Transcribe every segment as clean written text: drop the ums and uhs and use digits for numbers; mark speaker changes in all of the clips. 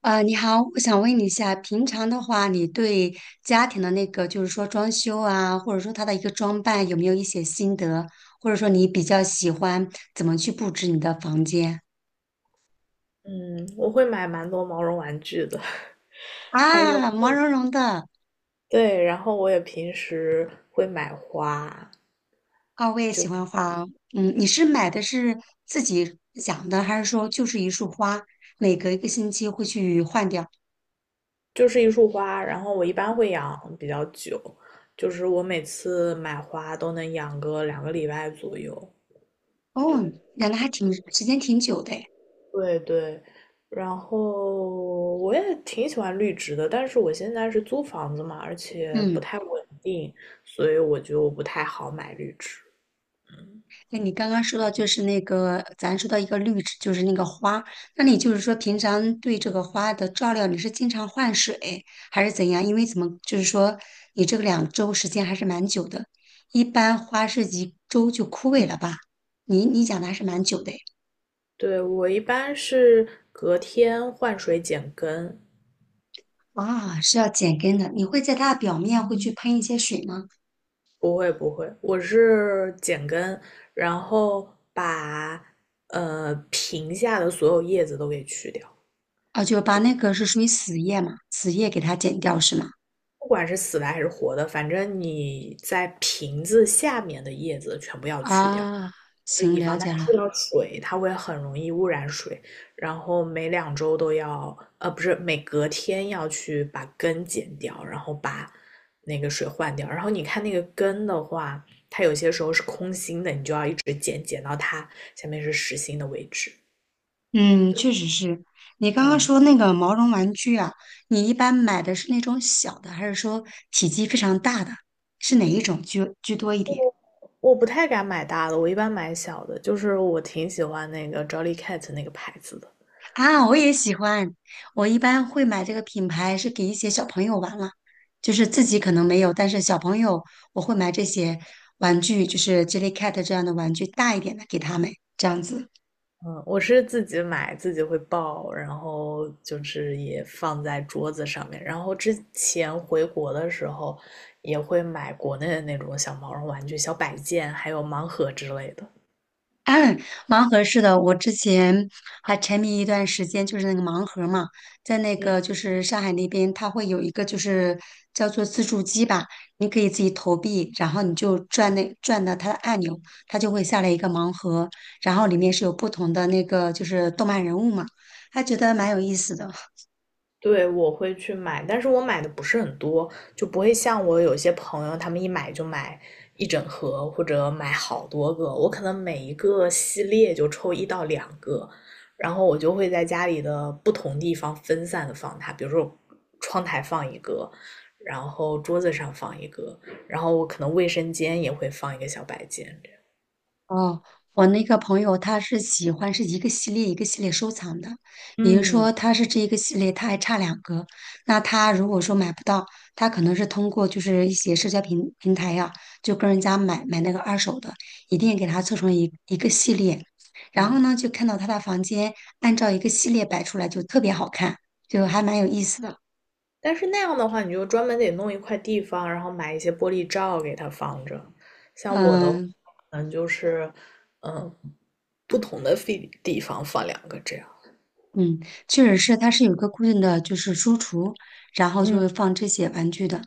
Speaker 1: 你好，我想问你一下，平常的话，你对家庭的那个，就是说装修啊，或者说它的一个装扮，有没有一些心得？或者说你比较喜欢怎么去布置你的房间
Speaker 2: 嗯，我会买蛮多毛绒玩具的，还有，
Speaker 1: 啊？毛茸茸的
Speaker 2: 对，然后我也平时会买花，
Speaker 1: 啊，我也喜欢花哦嗯，你是买的是自己养的，还是说就是一束花，每隔一个星期会去换掉？
Speaker 2: 就是一束花，然后我一般会养比较久，就是我每次买花都能养个两个礼拜左右。对，
Speaker 1: 哦，养的还挺时间挺久的诶
Speaker 2: 对对，然后我也挺喜欢绿植的，但是我现在是租房子嘛，而且不
Speaker 1: 嗯。
Speaker 2: 太稳定，所以我就不太好买绿植。
Speaker 1: 那你刚刚说到就是那个，咱说到一个绿植，就是那个花。那你就是说，平常对这个花的照料，你是经常换水还是怎样？因为怎么就是说，你这个两周时间还是蛮久的，一般花是一周就枯萎了吧？你讲的还是蛮久的诶
Speaker 2: 对，我一般是隔天换水剪根，
Speaker 1: 啊，是要剪根的。你会在它的表面会去喷一些水吗？
Speaker 2: 不会不会，我是剪根，然后把瓶下的所有叶子都给去掉，
Speaker 1: 啊，就把那个是属于死叶嘛，死叶给它剪掉是吗？
Speaker 2: 不管是死的还是活的，反正你在瓶子下面的叶子全部要去掉，
Speaker 1: 啊，
Speaker 2: 就
Speaker 1: 行，
Speaker 2: 以
Speaker 1: 了
Speaker 2: 防它
Speaker 1: 解了。
Speaker 2: 触到水，它会很容易污染水。然后每两周都要，不是每隔天要去把根剪掉，然后把那个水换掉。然后你看那个根的话，它有些时候是空心的，你就要一直剪，剪到它下面是实心的位置。
Speaker 1: 嗯，
Speaker 2: 对，
Speaker 1: 确实是。你刚刚
Speaker 2: 嗯，
Speaker 1: 说那个毛绒玩具啊，你一般买的是那种小的，还是说体积非常大的？是哪一种居多一点？
Speaker 2: 我我不太敢买大的，我一般买小的。就是我挺喜欢那个 Jolly Cat 那个牌子的，
Speaker 1: 啊，我也喜欢。我一般会买这个品牌是给一些小朋友玩了，就是自己可能没有，但是小朋友我会买这些玩具，就是 Jellycat 这样的玩具，大一点的给他们，这样子。
Speaker 2: 嗯，我是自己买，自己会抱，然后就是也放在桌子上面。然后之前回国的时候，也会买国内的那种小毛绒玩具、小摆件，还有盲盒之类的。
Speaker 1: 盲盒是的，我之前还沉迷一段时间，就是那个盲盒嘛，在那
Speaker 2: 嗯，
Speaker 1: 个就是上海那边，它会有一个就是叫做自助机吧，你可以自己投币，然后你就转那转到它的按钮，它就会下来一个盲盒，然后里
Speaker 2: 嗯，
Speaker 1: 面是有不同的那个就是动漫人物嘛，还觉得蛮有意思的。
Speaker 2: 对，我会去买，但是我买的不是很多，就不会像我有些朋友，他们一买就买一整盒或者买好多个，我可能每一个系列就抽一到两个，然后我就会在家里的不同地方分散的放它，比如说窗台放一个，然后桌子上放一个，然后我可能卫生间也会放一个小摆件这样。
Speaker 1: 哦，我那个朋友他是喜欢是一个系列一个系列收藏的，也就是
Speaker 2: 嗯
Speaker 1: 说他是这一个系列，他还差两个。那他如果说买不到，他可能是通过就是一些社交平台呀、就跟人家买那个二手的，一定给他凑成一个系列。然后
Speaker 2: 嗯，
Speaker 1: 呢，就看到他的房间按照一个系列摆出来，就特别好看，就还蛮有意思的。
Speaker 2: 但是那样的话，你就专门得弄一块地方，然后买一些玻璃罩给它放着。像我的嗯，
Speaker 1: 嗯、
Speaker 2: 可能就是，嗯，不同的地方放两个这样。
Speaker 1: 嗯，确实是，它是有一个固定的就是书橱，然后就
Speaker 2: 嗯
Speaker 1: 会放这些玩具的。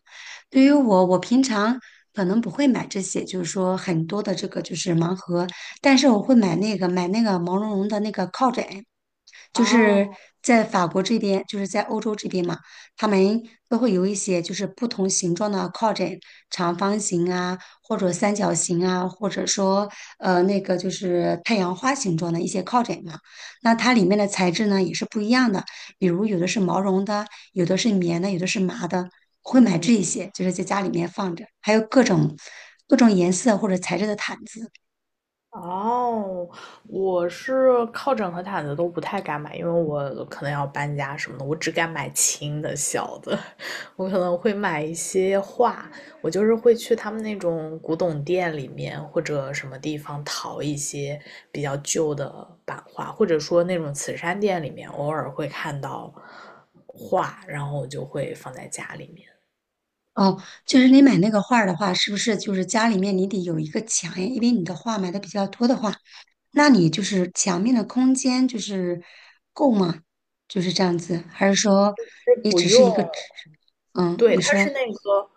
Speaker 1: 对于我，我平常可能不会买这些，就是说很多的这个就是盲盒，但是我会买那个买那个毛茸茸的那个靠枕，就
Speaker 2: 啊，
Speaker 1: 是在法国这边，就是在欧洲这边嘛，他们都会有一些就是不同形状的靠枕，长方形啊，或者三角形啊，或者说那个就是太阳花形状的一些靠枕嘛。那它里面的材质呢也是不一样的，比如有的是毛绒的，有的是棉的，有的是麻的。我会买
Speaker 2: 嗯。
Speaker 1: 这一些，就是在家里面放着，还有各种各种颜色或者材质的毯子。
Speaker 2: 哦，我是靠枕和毯子都不太敢买，因为我可能要搬家什么的，我只敢买轻的小的，我可能会买一些画，我就是会去他们那种古董店里面或者什么地方淘一些比较旧的版画，或者说那种慈善店里面偶尔会看到画，然后我就会放在家里面，
Speaker 1: 哦，就是你买那个画儿的话，是不是就是家里面你得有一个墙呀？因为你的画买的比较多的话，那你就是墙面的空间就是够吗？就是这样子，还是说
Speaker 2: 是
Speaker 1: 你
Speaker 2: 不
Speaker 1: 只是
Speaker 2: 用，
Speaker 1: 一个纸？嗯，
Speaker 2: 对，
Speaker 1: 你
Speaker 2: 它
Speaker 1: 说。
Speaker 2: 是那个。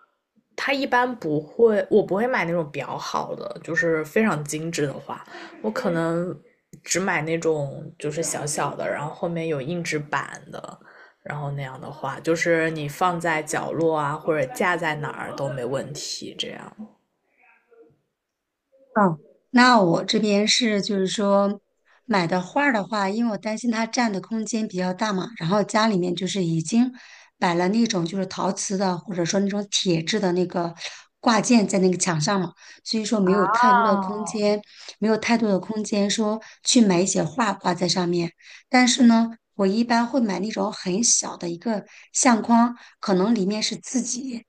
Speaker 2: 它一般不会，我不会买那种比较好的，就是非常精致的花，我可能只买那种就是小小的，然后后面有硬纸板的，然后那样的花，就是你放在角落啊，或者架在哪儿都没问题，这样。
Speaker 1: 哦，那我这边是就是说买的画儿的话，因为我担心它占的空间比较大嘛，然后家里面就是已经摆了那种就是陶瓷的或者说那种铁质的那个挂件在那个墙上嘛，所以说没有太多的空
Speaker 2: 哦，
Speaker 1: 间，没有太多的空间说去买一些画挂在上面。但是呢，我一般会买那种很小的一个相框，可能里面是自己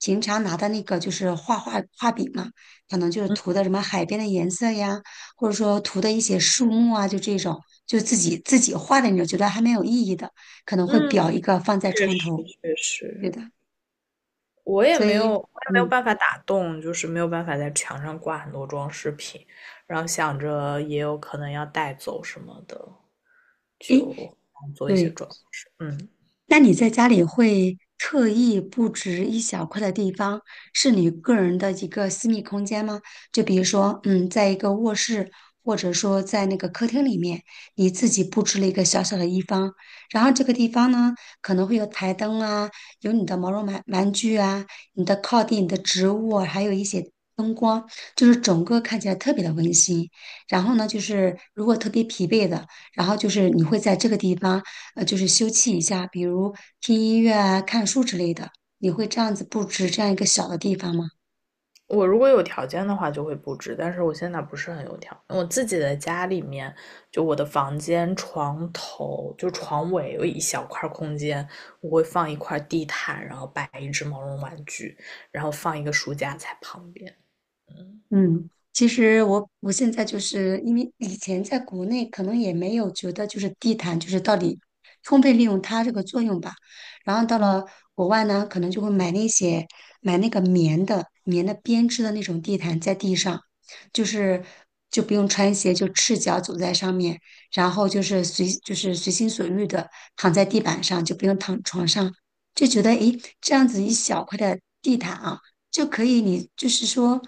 Speaker 1: 平常拿的那个就是画画画笔嘛。可能就是涂的什么海边的颜色呀，或者说涂的一些树木啊，就这种，就自己画的那种，觉得还蛮有意义的，可能会
Speaker 2: 嗯，
Speaker 1: 裱一个放在
Speaker 2: 确
Speaker 1: 床
Speaker 2: 实
Speaker 1: 头，
Speaker 2: 确实。
Speaker 1: 对的。
Speaker 2: 我也
Speaker 1: 所
Speaker 2: 没有，
Speaker 1: 以，
Speaker 2: 我也没有
Speaker 1: 嗯，
Speaker 2: 办法打洞，就是没有办法在墙上挂很多装饰品，然后想着也有可能要带走什么的，
Speaker 1: 诶，
Speaker 2: 就做一些
Speaker 1: 对。
Speaker 2: 装饰。嗯，
Speaker 1: 那你在家里会特意布置一小块的地方，是你个人的一个私密空间吗？就比如说，嗯，在一个卧室，或者说在那个客厅里面，你自己布置了一个小小的一方，然后这个地方呢，可能会有台灯啊，有你的毛绒玩具啊，你的靠垫、你的植物啊还有一些。灯光就是整个看起来特别的温馨，然后呢，就是如果特别疲惫的，然后就是你会在这个地方。就是休憩一下，比如听音乐啊、看书之类的。你会这样子布置这样一个小的地方吗？
Speaker 2: 我如果有条件的话就会布置，但是我现在不是很有条件我自己的家里面，就我的房间床头就床尾有一小块空间，我会放一块地毯，然后摆一只毛绒玩具，然后放一个书架在旁边。
Speaker 1: 嗯，其实我现在就是因为以前在国内可能也没有觉得就是地毯就是到底充分利用它这个作用吧，然后到
Speaker 2: 嗯，
Speaker 1: 了国外呢，可能就会买那些买那个棉的编织的那种地毯在地上，就是就不用穿鞋，就赤脚走在上面，然后就是随心所欲的躺在地板上，就不用躺床上，就觉得诶这样子一小块的地毯啊。就可以你就是说，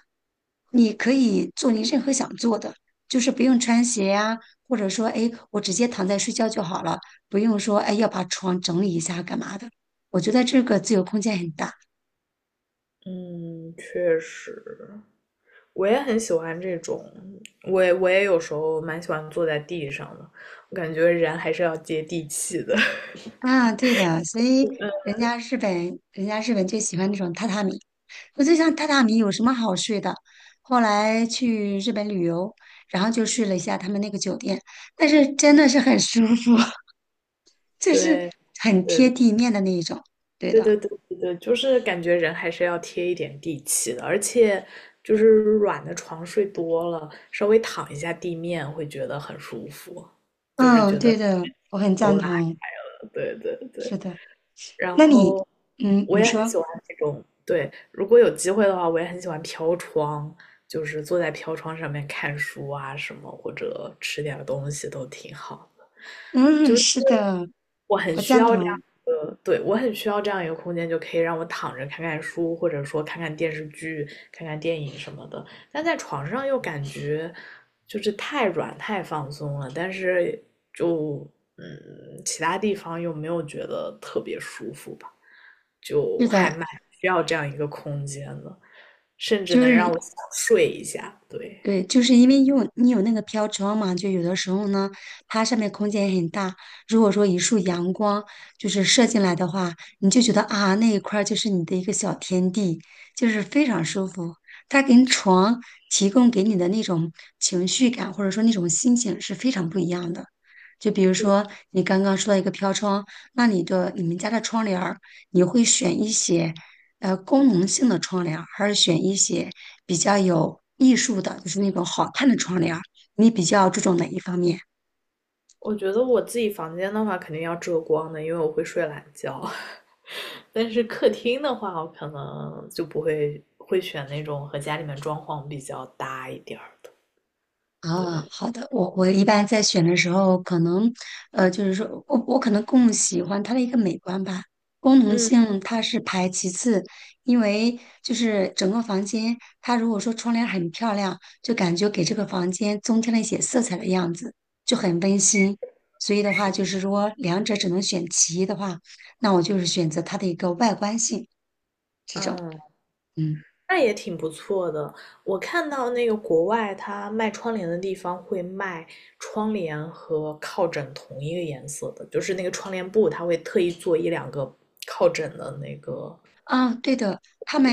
Speaker 1: 你可以做你任何想做的，就是不用穿鞋呀、或者说，哎，我直接躺在睡觉就好了，不用说，哎，要把床整理一下干嘛的。我觉得这个自由空间很大
Speaker 2: 嗯，确实，我也很喜欢这种，我也有时候蛮喜欢坐在地上的，我感觉人还是要接地气的。
Speaker 1: 啊，对的，所以人家日本就喜欢那种榻榻米。我就想榻榻米有什么好睡的？后来去日本旅游，然后就睡了一下他们那个酒店，但是真的是很舒服，就是
Speaker 2: 对
Speaker 1: 很
Speaker 2: 对
Speaker 1: 贴
Speaker 2: 对
Speaker 1: 地面的那一种。对
Speaker 2: 对
Speaker 1: 的，
Speaker 2: 对对对，就是感觉人还是要贴一点地气的，而且就是软的床睡多了，稍微躺一下地面会觉得很舒服，就是
Speaker 1: 嗯，
Speaker 2: 觉得
Speaker 1: 对的，我很 赞
Speaker 2: 都拉
Speaker 1: 同。
Speaker 2: 开了。对对对。
Speaker 1: 是的，
Speaker 2: 然
Speaker 1: 那你，
Speaker 2: 后
Speaker 1: 嗯，
Speaker 2: 我
Speaker 1: 你
Speaker 2: 也很
Speaker 1: 说，
Speaker 2: 喜欢那种，对，如果有机会的话，我也很喜欢飘窗，就是坐在飘窗上面看书啊什么，或者吃点儿东西都挺好的
Speaker 1: 嗯，是的，
Speaker 2: 我很
Speaker 1: 我
Speaker 2: 需
Speaker 1: 赞
Speaker 2: 要这样
Speaker 1: 同。
Speaker 2: 一个，对，我很需要这样一个空间，就可以让我躺着看看书，或者说看看电视剧、看看电影什么的。但在床上又感觉就是太软、太放松了，但是就嗯，其他地方又没有觉得特别舒服吧，就
Speaker 1: 是
Speaker 2: 还
Speaker 1: 的，
Speaker 2: 蛮需要这样一个空间的，甚至
Speaker 1: 就
Speaker 2: 能让我
Speaker 1: 是
Speaker 2: 想睡一下。对，
Speaker 1: 因为用你有那个飘窗嘛，就有的时候呢，它上面空间也很大。如果说一束阳光就是射进来的话，你就觉得啊，那一块儿就是你的一个小天地，就是非常舒服。它跟床提供给你的那种情绪感，或者说那种心情是非常不一样的。就比如
Speaker 2: 对，
Speaker 1: 说你刚刚说到一个飘窗，那你们家的窗帘儿你会选一些功能性的窗帘儿还是选一些比较有艺术的，就是那种好看的窗帘儿你比较注重哪一方面？
Speaker 2: 我觉得我自己房间的话，肯定要遮光的，因为我会睡懒觉。但是客厅的话，我可能就不会选那种和家里面装潢比较搭一点儿的。
Speaker 1: 啊，
Speaker 2: 对，
Speaker 1: 好的，我一般在选的时候，可能，就是说我可能更喜欢它的一个美观吧，功能
Speaker 2: 嗯，
Speaker 1: 性它是排其次，因为就是整个房间，它如果说窗帘很漂亮，就感觉给这个房间增添了一些色彩的样子，就很温馨。所以的话，
Speaker 2: 是，
Speaker 1: 就是说两者只能选其一的话，那我就是选择它的一个外观性这种，
Speaker 2: 嗯，
Speaker 1: 嗯。
Speaker 2: 那也挺不错的。我看到那个国外它卖窗帘的地方会卖窗帘和靠枕同一个颜色的，就是那个窗帘布，它会特意做一两个靠枕的那个，
Speaker 1: 啊，对的，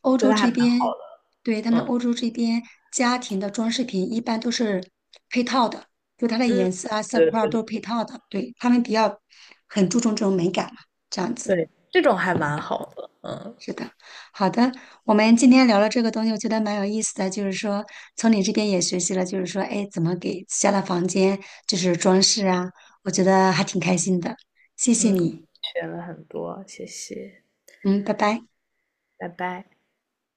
Speaker 1: 欧
Speaker 2: 就
Speaker 1: 洲
Speaker 2: 它还
Speaker 1: 这
Speaker 2: 蛮，
Speaker 1: 边，对，他们
Speaker 2: 嗯
Speaker 1: 欧洲这边家庭的装饰品一般都是配套的，就它的
Speaker 2: 嗯。
Speaker 1: 颜色啊、色
Speaker 2: 对
Speaker 1: 块儿都是配套的。对，他们很注重这种美感嘛，这样子。
Speaker 2: 对，这种还蛮好的，嗯
Speaker 1: 是的，好的，我们今天聊了这个东西，我觉得蛮有意思的，就是说从你这边也学习了，就是说，哎，怎么给自家的房间就是装饰啊，我觉得还挺开心的，谢谢
Speaker 2: 嗯，
Speaker 1: 你，
Speaker 2: 学了很多，谢谢，
Speaker 1: 嗯，拜拜。
Speaker 2: 拜拜。